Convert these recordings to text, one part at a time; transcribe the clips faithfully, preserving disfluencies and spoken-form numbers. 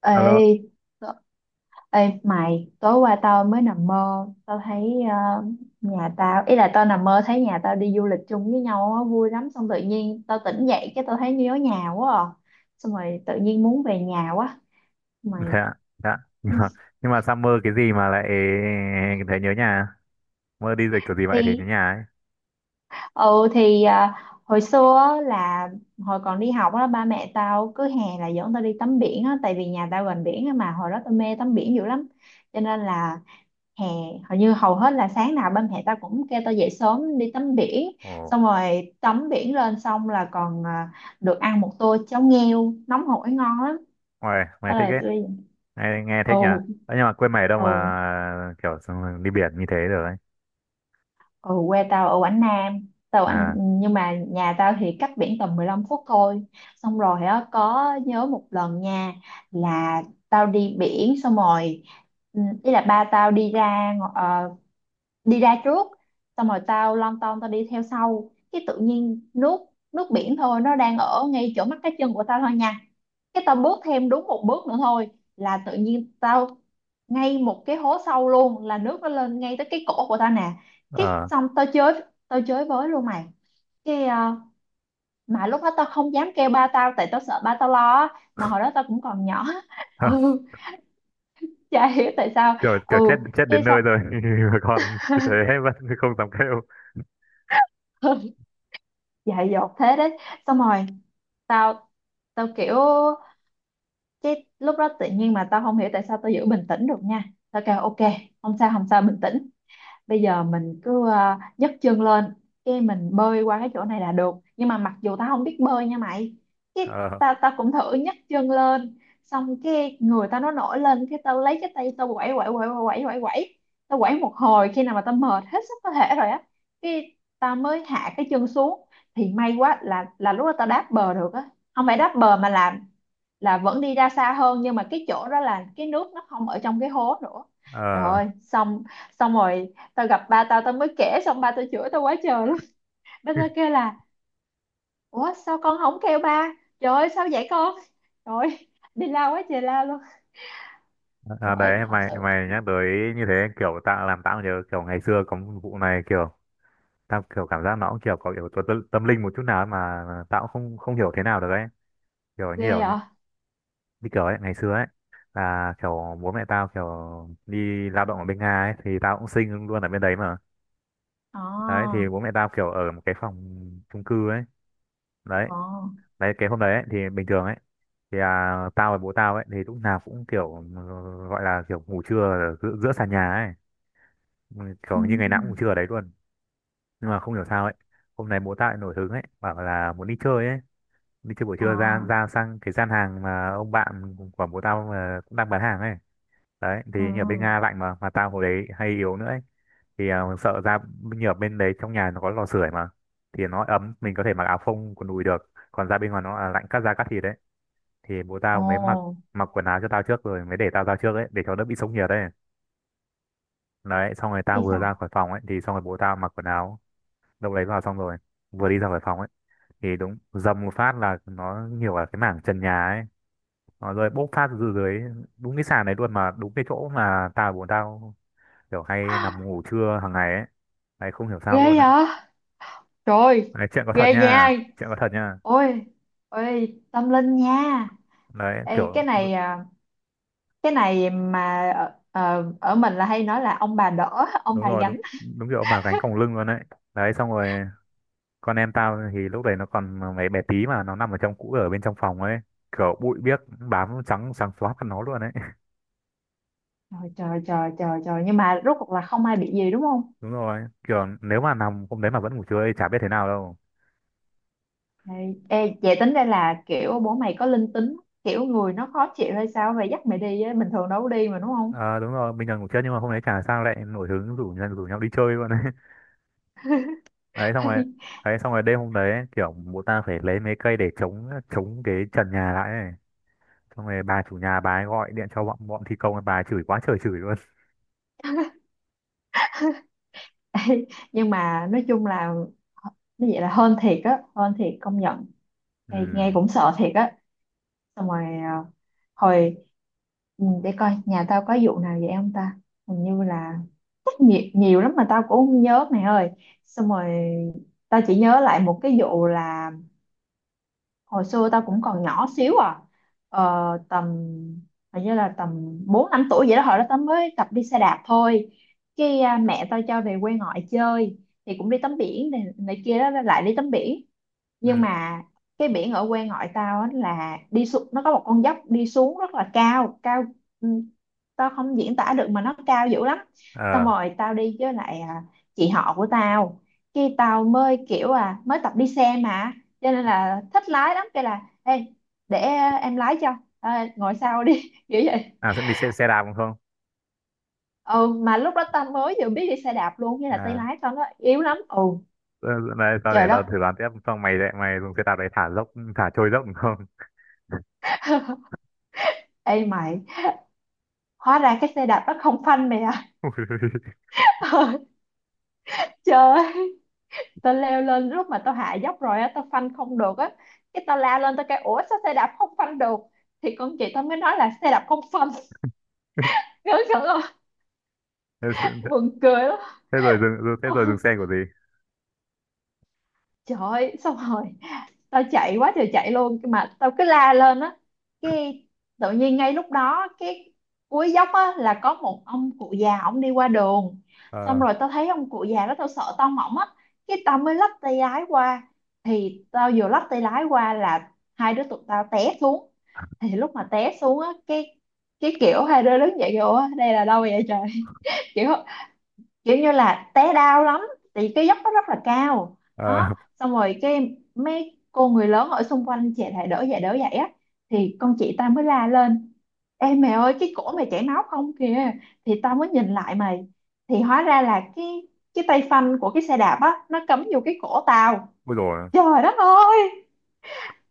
Ê, Alo, tớ- ê mày, tối qua tao mới nằm mơ, tao thấy ờ, nhà tao, ý là tao nằm mơ thấy nhà tao đi du lịch chung với nhau á, vui lắm, xong tự nhiên tao tỉnh dậy cái tao thấy nhớ nhà quá à. Xong rồi tự nhiên muốn về nhà quá. Mày dạ, dạ. Nhưng mà, nhưng mà Summer cái gì mà lại thấy nhớ nhà? Mơ đi dịch kiểu gì vậy thấy nhớ thì nhà ấy. ừ thì ờ, hồi xưa á là hồi còn đi học á, ba mẹ tao cứ hè là dẫn tao đi tắm biển á, tại vì nhà tao gần biển á, mà hồi đó tao mê tắm biển dữ lắm, cho nên là hè hầu như hầu hết là sáng nào ba mẹ tao cũng kêu tao dậy sớm đi tắm biển, Ồ, xong rồi tắm biển lên xong là còn à, được ăn một tô cháo nghêu nóng hổi ngon lắm. mày, mày Đó thích là ấy. tôi. Nghe, nghe thích nhỉ? Ồ Đấy, nhưng mà quê mày ở đâu ồ mà kiểu xong đi biển như thế rồi ấy. Ồ, quê tao ở Quảng Nam tao anh, À, nhưng mà nhà tao thì cách biển tầm mười lăm phút thôi. Xong rồi á, có nhớ một lần nha, là tao đi biển xong rồi, ừ, ý là ba tao đi ra ờ, đi ra trước. Xong rồi tao lon ton tao đi theo sau, cái tự nhiên nước, nước biển thôi nó đang ở ngay chỗ mắt cá chân của tao thôi nha, cái tao bước thêm đúng một bước nữa thôi là tự nhiên tao ngay một cái hố sâu luôn, là nước nó lên ngay tới cái cổ của tao nè. Cái ờ. xong tao chơi tao chơi với luôn mày, cái ờ, mà lúc đó tao không dám kêu ba tao tại tao sợ ba tao lo á. Mà hồi đó tao cũng còn nhỏ ừ, chả hiểu tại sao. kiểu, kiểu chết Ừ, chết cái đến xong nơi rồi, mà còn như thế vẫn không dám kêu. dại dột thế đấy. Xong rồi tao, tao kiểu cái lúc đó tự nhiên mà tao không hiểu tại sao tao giữ bình tĩnh được nha. Tao kêu ok, không sao không sao bình tĩnh, bây giờ mình cứ ờ, nhấc chân lên cái mình bơi qua cái chỗ này là được, nhưng mà mặc dù tao không biết bơi nha mày. Cái Ờ, tao tao cũng thử nhấc chân lên, xong cái người tao nó nổi lên, cái tao lấy cái tay tao quẩy quẩy quẩy quẩy quẩy quẩy. Tao quẩy một hồi khi nào mà tao mệt hết sức có thể rồi á, cái tao mới hạ cái chân xuống, thì may quá là, là lúc đó tao đáp bờ được á. Không phải đáp bờ mà là, là vẫn đi ra xa hơn, nhưng mà cái chỗ đó là cái nước nó không ở trong cái hố nữa. Trời ờ. ơi xong, xong rồi tao gặp ba tao tao mới kể, xong ba tao chửi tao quá trời lắm. Ba tao kêu là ủa sao con không kêu ba, trời ơi sao vậy con, trời ơi, đi la quá trời la luôn. À, Bởi đấy thật mày sự mày nhắc tới như thế kiểu tao làm tao nhớ kiểu ngày xưa có một vụ này. Kiểu tao kiểu cảm giác nó cũng kiểu có yếu tố tâm, tâm linh một chút nào ấy, mà mà tao cũng không không hiểu thế nào được ấy. kiểu như ghê vậy. kiểu như kiểu ấy ngày xưa ấy là kiểu bố mẹ tao kiểu đi lao động ở bên Nga ấy, thì tao cũng sinh luôn ở bên đấy mà. Ờ. Đấy thì bố mẹ tao kiểu ở một cái phòng chung cư ấy. đấy Ờ. đấy cái hôm đấy ấy, thì bình thường ấy thì à, tao và bố tao ấy thì lúc nào cũng kiểu ừ, gọi là kiểu ngủ trưa ở giữa, giữa sàn nhà ấy. Ừ, Ừ. kiểu như ngày nào cũng ngủ trưa ở đấy luôn, nhưng mà không hiểu sao ấy hôm nay bố tao lại nổi hứng ấy bảo là muốn đi chơi ấy, đi chơi buổi Ờ. trưa ra ra sang cái gian hàng mà ông bạn của bố tao mà cũng đang bán hàng ấy. Đấy thì như ở bên Ừ. Nga lạnh, mà mà tao hồi đấy hay yếu nữa ấy. Thì à, sợ ra như ở bên đấy trong nhà nó có lò sưởi mà, thì nó ấm mình có thể mặc áo phông quần đùi được, còn ra bên ngoài nó là lạnh cắt da cắt thịt đấy. Thì bố tao mới mặc Ồ. mặc quần áo cho tao trước rồi mới để tao ra trước ấy, để cho đỡ bị sốc nhiệt ấy. Đấy xong rồi tao Ghê vừa sao. ra khỏi phòng ấy thì xong rồi bố tao mặc quần áo đâu đấy vào xong rồi vừa đi ra khỏi phòng ấy thì đúng dầm một phát là nó nhiều ở cái mảng trần nhà ấy. Ờ, rồi bốc phát từ dưới đúng cái sàn này luôn, mà đúng cái chỗ mà tao bọn tao kiểu hay nằm ngủ trưa hàng ngày ấy. Đấy không hiểu sao Ghê luôn đấy. vậy trời. Đấy chuyện có thật Ghê nha. nha. Chuyện có thật nha. Ôi. Ôi tâm linh nha. Đấy Ê, kiểu cái đúng, này à, cái này mà ở, ờ, ở mình là hay nói là ông bà đỡ ông đúng bà rồi đúng. gánh. Đúng kiểu mà gánh còng lưng luôn đấy đấy xong rồi con em tao thì lúc đấy nó còn mấy bé tí mà nó nằm ở trong cũ ở bên trong phòng ấy, kiểu bụi biếc bám trắng trắng xóa mặt nó luôn đấy. Trời trời trời trời trời, nhưng mà rốt cuộc là không ai bị gì đúng không? Đúng rồi, kiểu nếu mà nằm hôm đấy mà vẫn ngủ trưa thì chả biết thế nào đâu. Ê, ê, vậy tính đây là kiểu bố mày có linh tính, kiểu người nó khó chịu hay sao vậy dắt mày đi á, bình thường đâu có đi mà đúng không? Ờ đúng rồi, bình thường ngủ trưa, nhưng mà hôm đấy chả sao lại nổi hứng rủ rủ nhau đi chơi luôn. đấy xong rồi đấy xong rồi đêm hôm đấy ấy, kiểu bố ta phải lấy mấy cây để chống chống cái trần nhà lại ấy. Xong rồi bà chủ nhà bà ấy gọi điện cho bọn bọn thi công, bà ấy chửi quá trời chửi luôn. Ê, nhưng mà nói chung là như vậy là hên thiệt á, hên thiệt công nhận. Ê, nghe Ừ. cũng sợ thiệt á. Xong rồi à, hồi, ừ, để coi nhà tao có vụ nào vậy không ta. Hình như là rất nhiều, nhiều lắm mà tao cũng không nhớ mày ơi. Xong rồi tao chỉ nhớ lại một cái vụ là hồi xưa tao cũng còn nhỏ xíu à, ờ, tầm hình như là tầm bốn năm tuổi vậy đó. Hồi đó tao mới tập đi xe đạp thôi, cái à, mẹ tao cho về quê ngoại chơi, thì cũng đi tắm biển này, này kia đó, lại đi tắm biển. Nhưng Ừ. mà cái biển ở quê ngoại tao á là đi xuống nó có một con dốc đi xuống rất là cao cao, ừ, tao không diễn tả được mà nó cao dữ lắm. Xong Ờ. rồi tao đi với lại à, chị họ của tao. Khi tao mới kiểu à mới tập đi xe mà cho nên là thích lái lắm, cái là ê, để à, em lái cho à, ngồi sau đi kiểu vậy. À sẽ đi xe, xe đạp đúng không? Ừ, mà lúc đó tao mới vừa biết đi xe đạp luôn, như là tay À, lái tao nó yếu lắm. Ừ. ờ, đây tao để Trời tao đất. thử đoán tiếp, xong mày lại mày dùng xe đạp để thả dốc, thả trôi dốc đúng không? Ê mày, hóa ra cái xe đạp nó không phanh mày à. Trời. Tao leo lên lúc mà tao hạ dốc rồi á tao phanh không được á, cái tao lao lên tao kêu ủa sao xe đạp không phanh được. Thì con chị tao mới nói là xe đạp không phanh. Ngớ ngẩn không. thế, Buồn cười lắm. thế rồi dừng thế rồi dừng Tao- xe của gì. Trời ơi, xong rồi tao chạy quá trời chạy luôn, nhưng mà tao cứ la lên á, cái tự nhiên ngay lúc đó cái cuối dốc á là có một ông cụ già ổng đi qua đường. Xong ờ rồi tao thấy ông cụ già đó tao sợ tao mỏng á, cái tao mới lắp tay lái qua. Thì tao vừa lắp tay lái qua là hai đứa tụi tao té xuống. Thì lúc mà té xuống á, cái cái kiểu hai đứa đứng dậy kiểu "Ủa, đây là đâu vậy trời?" kiểu, kiểu như là té đau lắm. Thì cái dốc nó rất là cao. ờ Đó xong rồi cái mấy cô người lớn ở xung quanh chạy lại đỡ dậy đỡ dậy á. Thì con chị ta mới la lên, em mẹ ơi cái cổ mày chảy máu không kìa. Thì tao mới nhìn lại mày. Thì hóa ra là cái cái tay phanh của cái xe đạp á, nó cắm vô cái cổ tao. Ui rồi, Trời đất ơi.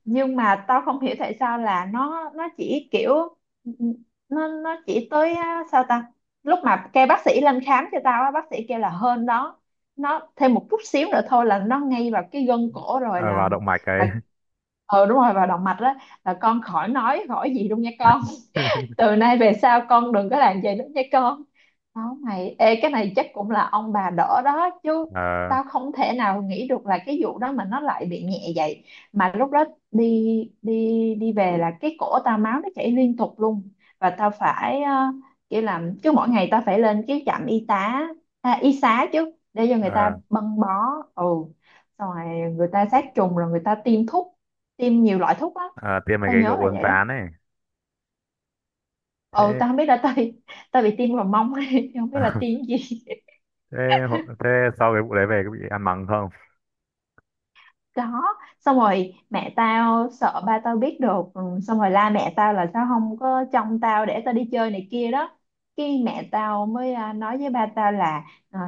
Nhưng mà tao không hiểu tại sao là nó nó chỉ kiểu, nó nó chỉ tới á, sao ta. Lúc mà kêu bác sĩ lên khám cho tao á, bác sĩ kêu là hơn đó, nó thêm một chút xíu nữa thôi là nó ngay vào cái gân cổ rồi vào làm động mạch là, ấy. ờ đúng rồi vào động mạch đó, là con khỏi nói khỏi gì luôn nha, từ nay về sau con đừng có làm vậy nữa nha con. Đó mày, ê, cái này chắc cũng là ông bà đỡ đó chứ. ờ Tao không thể nào nghĩ được là cái vụ đó mà nó lại bị nhẹ vậy. Mà lúc đó đi đi đi về là cái cổ tao máu nó chảy liên tục luôn. Và tao phải ờ, kiểu làm cứ mỗi ngày tao phải lên cái trạm y tá, à, y xá chứ để cho người ta ờ băng bó. Ừ, xong rồi người ta sát trùng rồi người ta tiêm thuốc, tiêm nhiều loại thuốc lắm. ờ, Tiêm mấy Tao cái kiểu nhớ là uốn vậy đó. ván ấy. Ừ, thế tao không biết là tao bị tao bị tiêm vào mông không biết là tiêm gì. thế hộ- thế sau cái vụ đấy về có bị ăn mắng không? Đó, xong rồi mẹ tao sợ ba tao biết được. Ừ, xong rồi la mẹ tao là sao không có trông tao để tao đi chơi này kia đó. Cái mẹ tao mới à, nói với ba tao là ờ,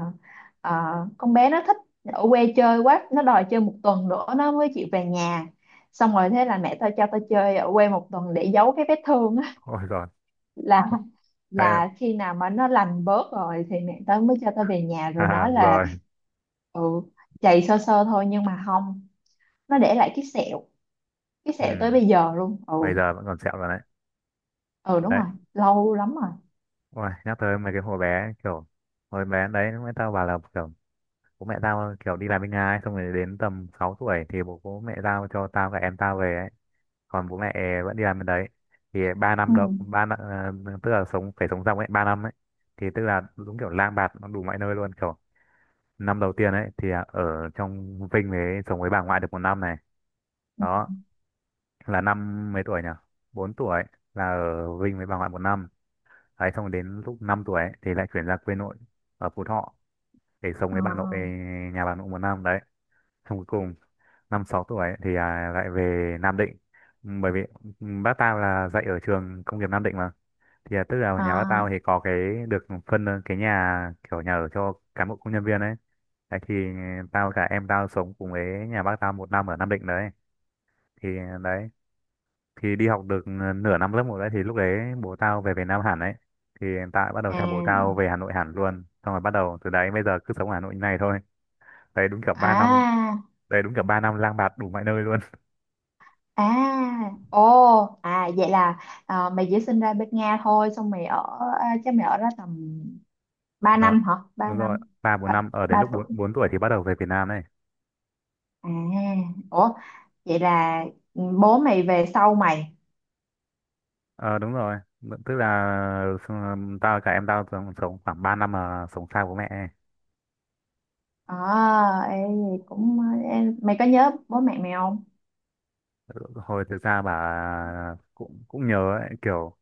ờ, con bé nó thích ở quê chơi quá, nó đòi chơi một tuần nữa nó mới chịu về nhà. Xong rồi thế là mẹ tao cho tao chơi ở quê một tuần để giấu cái vết thương á, Ôi rồi. là, Thế là khi nào mà nó lành bớt rồi thì mẹ tớ mới cho tớ về nhà rồi à, nói là rồi ừ, chày sơ sơ thôi. Nhưng mà không, nó để lại cái sẹo, cái sẹo tới ừ. bây giờ luôn. Ừ. Bây giờ vẫn còn sẹo rồi đấy Ừ đúng đấy rồi. Lâu lắm rồi. Ôi nhắc tới mấy cái hồi bé kiểu hồi bé đấy mẹ tao bảo là kiểu bố mẹ tao kiểu đi làm bên Nga ấy, xong rồi đến tầm sáu tuổi thì bố, bố mẹ tao cho tao và em tao về ấy, còn bố mẹ vẫn đi làm bên đấy. Thì ba năm động Ừ. ba năm ờ, tức là sống phải sống dòng ấy ba năm ấy. Thì tức là đúng kiểu lang bạt nó đủ mọi nơi luôn, kiểu năm đầu tiên ấy thì à, ở trong Vinh ấy sống với bà ngoại được một năm này. Đó là năm mấy tuổi nhỉ? Bốn tuổi. Là ở Vinh với bà ngoại một năm đấy. Xong đến lúc năm tuổi ấy, thì lại chuyển ra quê nội ở Phú Thọ để sống Ờ. với bà nội, nhà bà nội một năm đấy. Xong cuối cùng năm sáu tuổi ấy, thì à, lại về Nam Định, bởi vì bác tao là dạy ở trường công nghiệp Nam Định mà. Thì à, tức là Ờ. nhà bác tao thì có cái được phân ờ, cái nhà kiểu nhà ở cho cán bộ công nhân viên ấy. Đấy thì tao cả em tao sống cùng với nhà bác tao một năm ở Nam Định đấy. Thì à, đấy thì đi học được ờ, nửa năm lớp một đấy. Thì lúc đấy bố tao về Việt Nam hẳn đấy, thì tao bắt đầu theo bố tao về Hà Nội hẳn luôn, xong rồi bắt đầu từ đấy bây giờ cứ sống ở Hà Nội như này thôi. đấy đúng kiểu À. ba năm À. Đấy đúng kiểu ba năm lang bạt đủ mọi nơi luôn. À. Ô. À vậy là ờ, mày chỉ sinh ra bên Nga thôi xong mày ở, à, chắc mày ở đó tầm ba Ờ, năm hả, ba đúng rồi, năm ba bốn Ba, năm ở đến ba lúc tuổi bốn bốn tuổi thì bắt đầu về Việt Nam này. À. Ủa vậy là bố mày về sau mày. Ờ đúng rồi, tức là ừ, tao cả em tao sống, sống khoảng ba năm mà sống xa bố mẹ ấy. à, Ê, cũng em mày có nhớ bố mẹ mày không? Hồi thực ra bà cũng cũng nhớ ấy, kiểu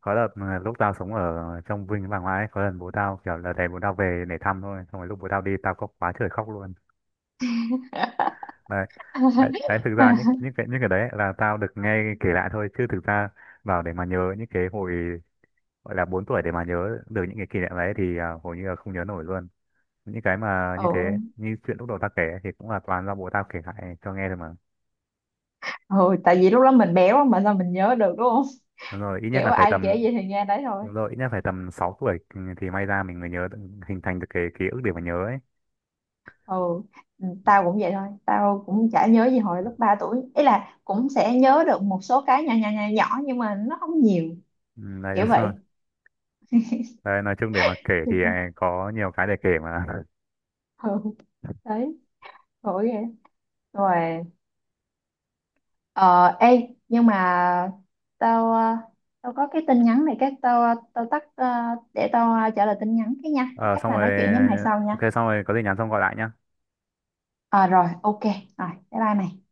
có đợt mà lúc tao sống ở trong Vinh với bà ngoại ấy, có lần bố tao kiểu là đè bố tao về để thăm thôi, xong rồi lúc bố tao đi tao có quá trời khóc luôn. Đấy, đấy, đấy thực ra những những cái những cái đấy là tao được nghe kể lại thôi, chứ thực ra vào để mà nhớ những cái hồi gọi là bốn tuổi để mà nhớ được những cái kỷ niệm đấy thì à, hầu như là không nhớ nổi luôn những cái mà như thế. Ừ. Như chuyện lúc đầu tao kể ấy thì cũng là toàn do bố tao kể lại cho nghe thôi mà. Ừ, tại vì lúc đó mình béo mà sao mình nhớ được đúng không, đúng rồi ít nhất kiểu là phải ai kể tầm gì thì nghe đấy thôi. Đúng rồi ít nhất phải tầm sáu tuổi thì may ra mình mới nhớ được- hình thành được cái ký ức để mà nhớ ấy. Ừ. Ừ, tao cũng vậy thôi, tao cũng chả nhớ gì hồi lúc ba tuổi, ý là cũng sẽ nhớ được một số cái nhỏ nhỏ nhỏ nhỏ nhưng mà nó không nhiều, Ừ, đấy đúng kiểu vậy. rồi. Đấy, nói chung để mà kể Thì thì sao? à, có nhiều cái để kể mà. Ừ. Đấy, khổ ghê. Rồi. Ờ, ê, nhưng mà tao ờ, tao có cái tin nhắn này cái tao ờ, tao tắt ờ, để tao ờ, trả lời tin nhắn cái nha. Ờ, Chắc xong là rồi, nói chuyện với mày sau ok, nha. xong rồi có gì nhắn xong gọi lại nhá. Ờ rồi, ok. Rồi, bye bye mày.